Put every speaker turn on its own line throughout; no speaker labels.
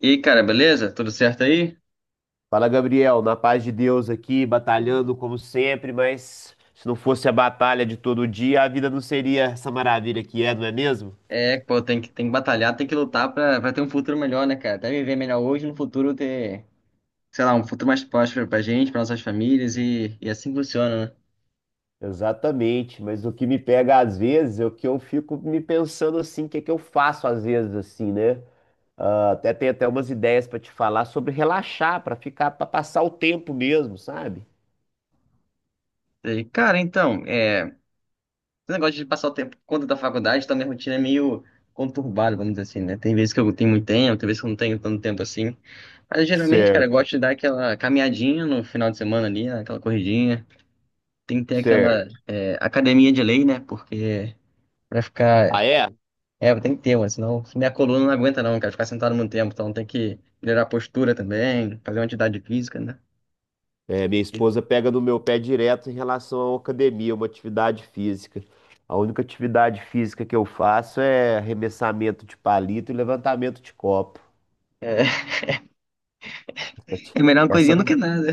E cara, beleza? Tudo certo aí?
Fala, Gabriel, na paz de Deus aqui, batalhando como sempre, mas se não fosse a batalha de todo dia, a vida não seria essa maravilha que é, não é mesmo?
É, pô, tem que batalhar, tem que lutar pra ter um futuro melhor, né, cara? Até viver melhor hoje, no futuro ter, sei lá, um futuro mais próspero pra gente, pra nossas famílias e assim funciona, né?
Exatamente, mas o que me pega às vezes é o que eu fico me pensando assim, o que é que eu faço às vezes assim, né? Ah, até tem até umas ideias pra te falar sobre relaxar, pra ficar, para passar o tempo mesmo, sabe?
E, cara, então, é, esse negócio de passar o tempo por conta da faculdade, tá, minha rotina é meio conturbada, vamos dizer assim, né? Tem vezes que eu tenho muito tempo, tem vezes que eu não tenho tanto tempo assim. Mas geralmente, cara, eu
Certo,
gosto de dar aquela caminhadinha no final de semana ali, né? Aquela corridinha. Tem que ter aquela
certo.
é, academia de lei, né? Porque pra
Ah,
ficar.
é?
É, tem que ter, mano, senão minha coluna não aguenta não, cara, ficar sentado muito tempo, então tem que melhorar a postura também, fazer uma atividade física, né?
É, minha esposa pega no meu pé direto em relação à academia, uma atividade física. A única atividade física que eu faço é arremessamento de palito e levantamento de copo.
É, é melhor uma
Essa
coisinha do
não,
que nada.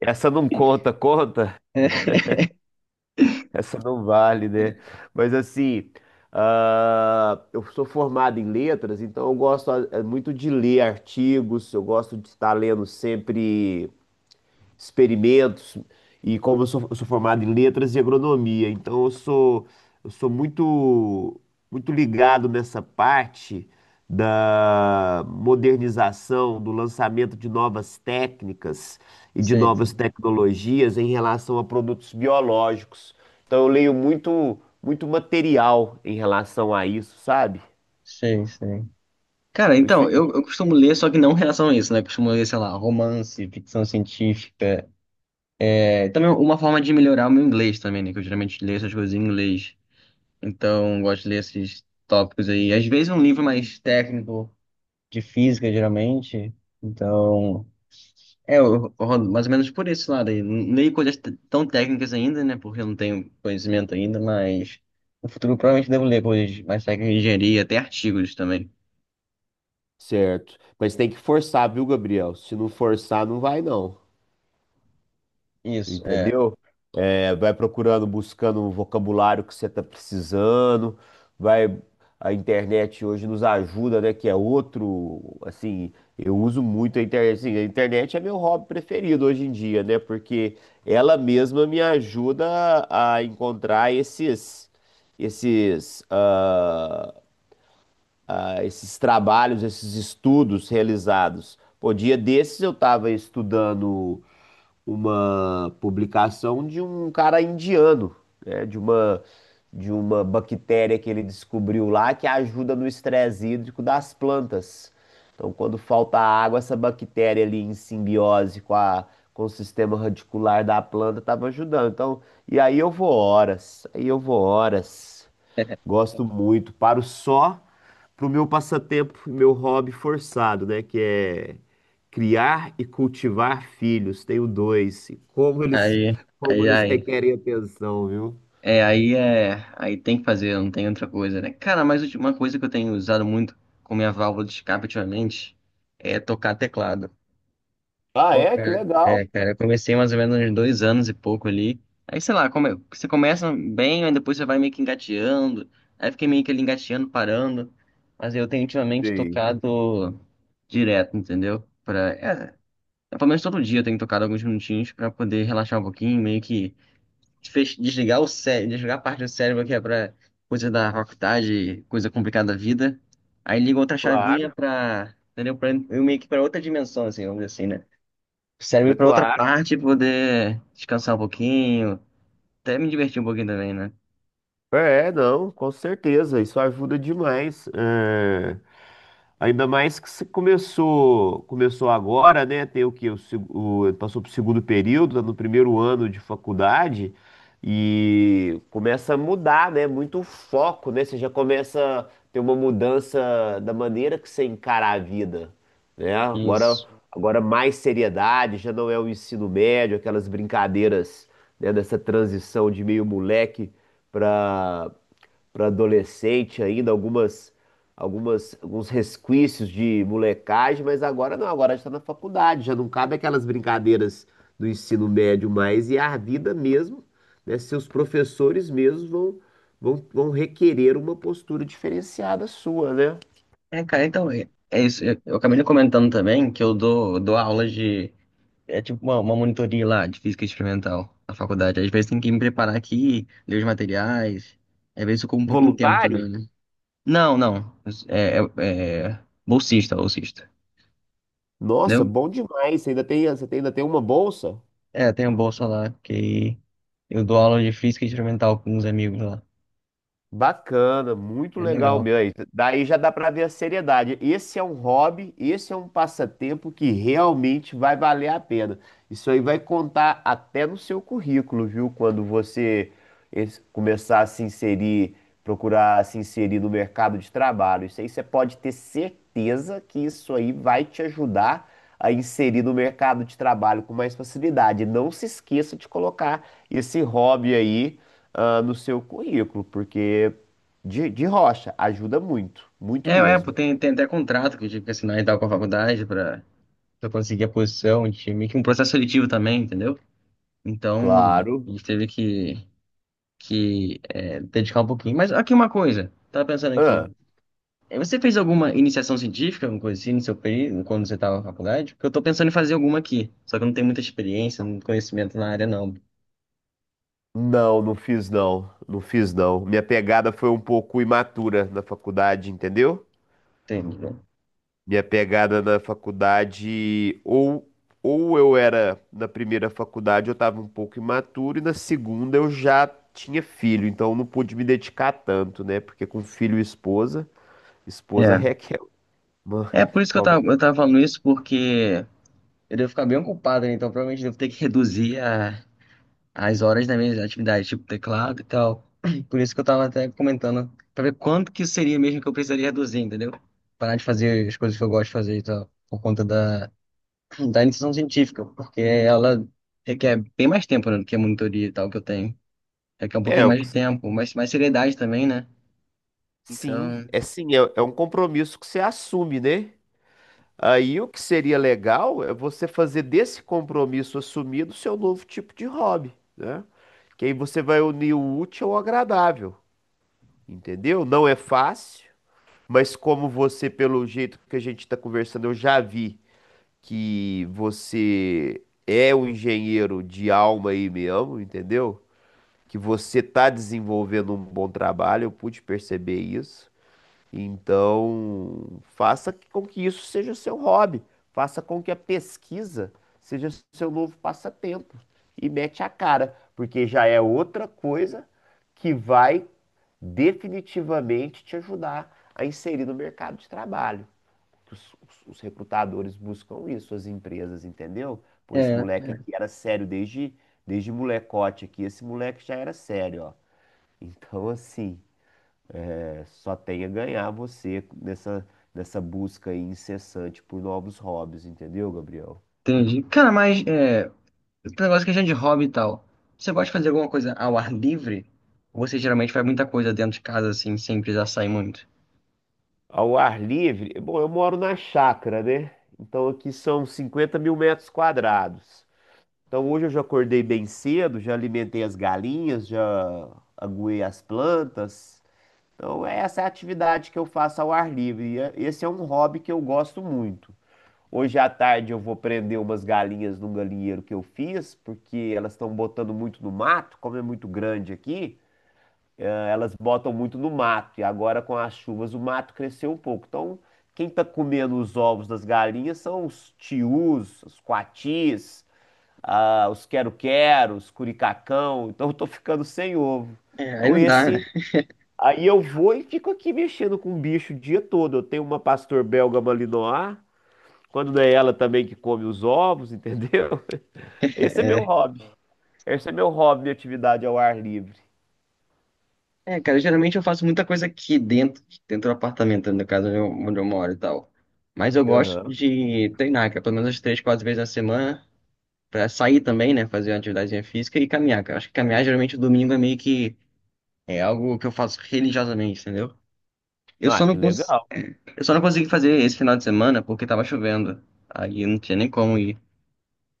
essa não conta, conta?
É,
Essa não vale, né? Mas assim, ah, eu sou formado em letras, então eu gosto muito de ler artigos, eu gosto de estar lendo sempre experimentos, e como eu sou formado em letras e agronomia, então eu sou muito ligado nessa parte da modernização, do lançamento de novas técnicas e de
sei, sei,
novas tecnologias em relação a produtos biológicos. Então eu leio muito, muito material em relação a isso, sabe?
sei. Sei. Cara,
Isso,
então, eu costumo ler, só que não em relação a isso, né? Eu costumo ler, sei lá, romance, ficção científica. É, também uma forma de melhorar o meu inglês também, né? Que eu geralmente leio essas coisas em inglês. Então, gosto de ler esses tópicos aí. Às vezes um livro mais técnico de física, geralmente. Então, é, eu rodo mais ou menos por esse lado aí. Não coisas tão técnicas ainda, né? Porque eu não tenho conhecimento ainda, mas no futuro provavelmente devo ler coisas mais técnicas de engenharia, até artigos também.
certo. Mas tem que forçar, viu, Gabriel? Se não forçar, não vai, não.
Isso, é.
Entendeu? É, vai procurando, buscando um vocabulário que você está precisando, vai. A internet hoje nos ajuda, né? Que é outro, assim, eu uso muito a internet. Assim, a internet é meu hobby preferido hoje em dia, né? Porque ela mesma me ajuda a encontrar esses, ah, esses trabalhos, esses estudos realizados. Pô, dia desses eu estava estudando uma publicação de um cara indiano, né? De uma bactéria que ele descobriu lá que ajuda no estresse hídrico das plantas. Então, quando falta água, essa bactéria ali em simbiose com com o sistema radicular da planta estava ajudando. Então, aí eu vou horas. Gosto muito, paro só pro meu passatempo, meu hobby forçado, né? Que é criar e cultivar filhos. Tenho dois. E
Aí,
como
aí,
eles
aí.
requerem atenção, viu?
É, aí é. Aí tem que fazer, não tem outra coisa, né? Cara, mas uma coisa que eu tenho usado muito com minha válvula de escape ultimamente é tocar teclado.
Ah,
Pô,
é? Que
cara,
legal.
é, cara, eu comecei mais ou menos uns 2 anos e pouco ali. Aí, sei lá, você começa bem, aí depois você vai meio que engateando. Aí fiquei meio que ali engateando, parando. Mas eu tenho ultimamente
Sim,
tocado direto, entendeu? Pelo menos todo dia eu tenho tocado alguns minutinhos pra poder relaxar um pouquinho, meio que desligar o cérebro, desligar a parte do cérebro que é pra coisa da faculdade, coisa complicada da vida. Aí ligo outra chavinha
claro.
pra, entendeu? Pra, eu meio que pra outra dimensão, assim, vamos dizer assim, né? Serve
É
para outra
claro.
parte poder descansar um pouquinho, até me divertir um pouquinho também, né?
É, não, com certeza. Isso ajuda demais. É, ainda mais que se começou, começou agora, né? Tem o quê? Passou para o segundo período, tá no primeiro ano de faculdade, e começa a mudar, né? Muito o foco, né? Você já começa a ter uma mudança da maneira que você encara a vida, né?
Isso.
Agora mais seriedade, já não é o ensino médio, aquelas brincadeiras, né? Dessa transição de meio moleque para para adolescente ainda, alguns resquícios de molecagem, mas agora não, agora está na faculdade, já não cabe aquelas brincadeiras do ensino médio mais, e a vida mesmo, né, seus professores mesmos vão requerer uma postura diferenciada sua, né?
É, cara, então é isso. Eu acabei comentando também que eu dou aula de. É tipo uma monitoria lá de física experimental na faculdade. Às vezes tem que me preparar aqui, ler os materiais. Às vezes eu como um pouquinho de tempo também,
Voluntário?
né? Não, não. É bolsista, bolsista.
Nossa,
Entendeu?
bom demais, você ainda tem, você tem- ainda tem uma bolsa?
É, tem uma bolsa lá que eu dou aula de física experimental com uns amigos lá.
Bacana, muito
É
legal,
legal.
meu. Daí já dá pra ver a seriedade. Esse é um hobby, esse é um passatempo que realmente vai valer a pena. Isso aí vai contar até no seu currículo, viu? Quando você começar a se inserir, procurar se inserir no mercado de trabalho. Isso aí você pode ter certeza que isso aí vai te ajudar a inserir no mercado de trabalho com mais facilidade. Não se esqueça de colocar esse hobby aí, no seu currículo, porque de rocha ajuda muito,
É,
muito
é, pô,
mesmo.
tem até contrato que eu tive que assinar e tal com a faculdade pra, conseguir a posição de meio que é um processo seletivo também, entendeu? Então,
Claro.
a gente teve que dedicar um pouquinho. Mas aqui uma coisa, tava pensando aqui.
Ah.
Você fez alguma iniciação científica, alguma coisa assim, no seu período, quando você tava na faculdade? Porque eu tô pensando em fazer alguma aqui, só que eu não tenho muita experiência, muito conhecimento na área, não.
Não, não fiz não, não fiz não. Minha pegada foi um pouco imatura na faculdade, entendeu?
Entende, né?
Minha pegada na faculdade, ou eu era na primeira faculdade, eu estava um pouco imaturo, e na segunda eu já tinha filho, então eu não pude me dedicar tanto, né? Porque com filho e esposa, esposa
É,
requer uma,
é por isso que eu
talvez.
tava, eu tava falando isso, porque eu devo ficar bem ocupado, né? Então provavelmente eu devo ter que reduzir a as horas das minhas atividades, tipo teclado e tal. Por isso que eu tava até comentando, pra ver quanto que seria mesmo que eu precisaria reduzir, entendeu? Parar de fazer as coisas que eu gosto de fazer e tal, por conta da, da iniciação científica, porque ela requer bem mais tempo, né, do que a monitoria e tal que eu tenho. Requer um
É,
pouquinho mais de tempo, mas mais seriedade também, né?
sim,
Então,
é sim, é, é um compromisso que você assume, né? Aí o que seria legal é você fazer desse compromisso assumido seu novo tipo de hobby, né? Que aí você vai unir o útil ao agradável, entendeu? Não é fácil, mas como você, pelo jeito que a gente está conversando, eu já vi que você é um engenheiro de alma e mesmo, entendeu? Que você está desenvolvendo um bom trabalho, eu pude perceber isso. Então, faça com que isso seja seu hobby, faça com que a pesquisa seja seu novo passatempo e mete a cara, porque já é outra coisa que vai definitivamente te ajudar a inserir no mercado de trabalho. Que os recrutadores buscam isso, as empresas, entendeu? Pô, esse
é,
moleque aqui era sério desde, desde molecote aqui, esse moleque já era sério, ó. Então, assim. Só tem a ganhar você nessa busca aí incessante por novos hobbies, entendeu, Gabriel?
entendi. Cara, mas é, esse negócio que a gente de hobby e tal. Você gosta de fazer alguma coisa ao ar livre? Ou você geralmente faz muita coisa dentro de casa, assim, sem precisar sair muito?
Ao ar livre, bom, eu moro na chácara, né? Então aqui são 50.000 metros quadrados. Então hoje eu já acordei bem cedo, já alimentei as galinhas, já aguei as plantas. Então essa é a atividade que eu faço ao ar livre. Esse é um hobby que eu gosto muito. Hoje à tarde eu vou prender umas galinhas num galinheiro que eu fiz, porque elas estão botando muito no mato, como é muito grande aqui, elas botam muito no mato. E agora com as chuvas o mato cresceu um pouco. Então, quem está comendo os ovos das galinhas são os tius, os coatis, os quero-queros, curicacão. Então, eu estou ficando sem ovo.
É, aí
Então,
não dá, né?
esse. Aí eu vou e fico aqui mexendo com o bicho o dia todo. Eu tenho uma pastor belga malinois. Quando não é ela também que come os ovos, entendeu? Esse é meu
É,
hobby. Esse é meu hobby, minha atividade ao ar livre.
é, cara, geralmente eu faço muita coisa aqui dentro, dentro do apartamento, no caso onde eu moro e tal. Mas eu gosto
Aham.
de treinar, que é pelo menos umas três, quatro vezes na semana, pra sair também, né? Fazer uma atividade física e caminhar, cara. Acho que caminhar geralmente o domingo é meio que é algo que eu faço religiosamente, entendeu? Eu
Ah,
só
que
não cons...
legal.
eu só não consegui fazer esse final de semana porque tava chovendo. Aí eu não tinha nem como ir.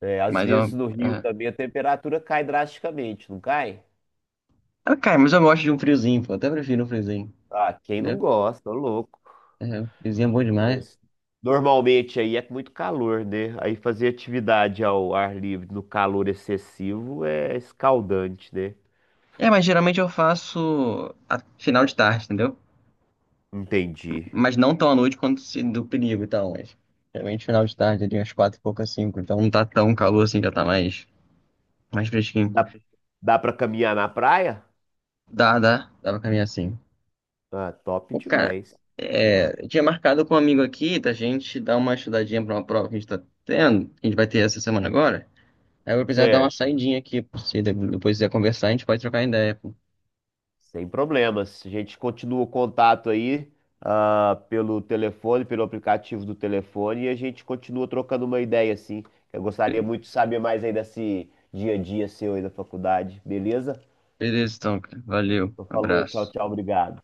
É, às
Mas
vezes
eu.
no Rio
É...
também a temperatura cai drasticamente, não cai?
Ah, cara, mas eu gosto de um friozinho, pô. Até prefiro um friozinho,
Ah, quem não
entendeu?
gosta, ô louco.
É, um friozinho é bom demais.
Mas normalmente aí é muito calor, né? Aí fazer atividade ao ar livre no calor excessivo é escaldante, né?
É, mas geralmente eu faço a final de tarde, entendeu?
Entendi.
Mas não tão à noite quanto se do perigo e tal, mas geralmente final de tarde, ali umas quatro e pouca, cinco, então não tá tão calor assim, já tá mais, mais fresquinho.
Dá, dá pra caminhar na praia?
Dá, dá, dá pra caminhar assim.
Ah, top
Pô, cara,
demais. Top.
é, eu tinha marcado com um amigo aqui da gente dar uma estudadinha pra uma prova que a gente tá tendo, que a gente vai ter essa semana agora. Aí eu vou precisar dar uma
Certo.
saidinha aqui, se depois quiser conversar, a gente pode trocar ideia, pô.
Sem problemas. A gente continua o contato aí, pelo telefone, pelo aplicativo do telefone, e a gente continua trocando uma ideia, assim. Eu gostaria muito de saber mais aí desse dia a dia seu aí da faculdade, beleza?
Beleza, então, cara. Valeu,
Então, falou, tchau,
abraço.
tchau, obrigado.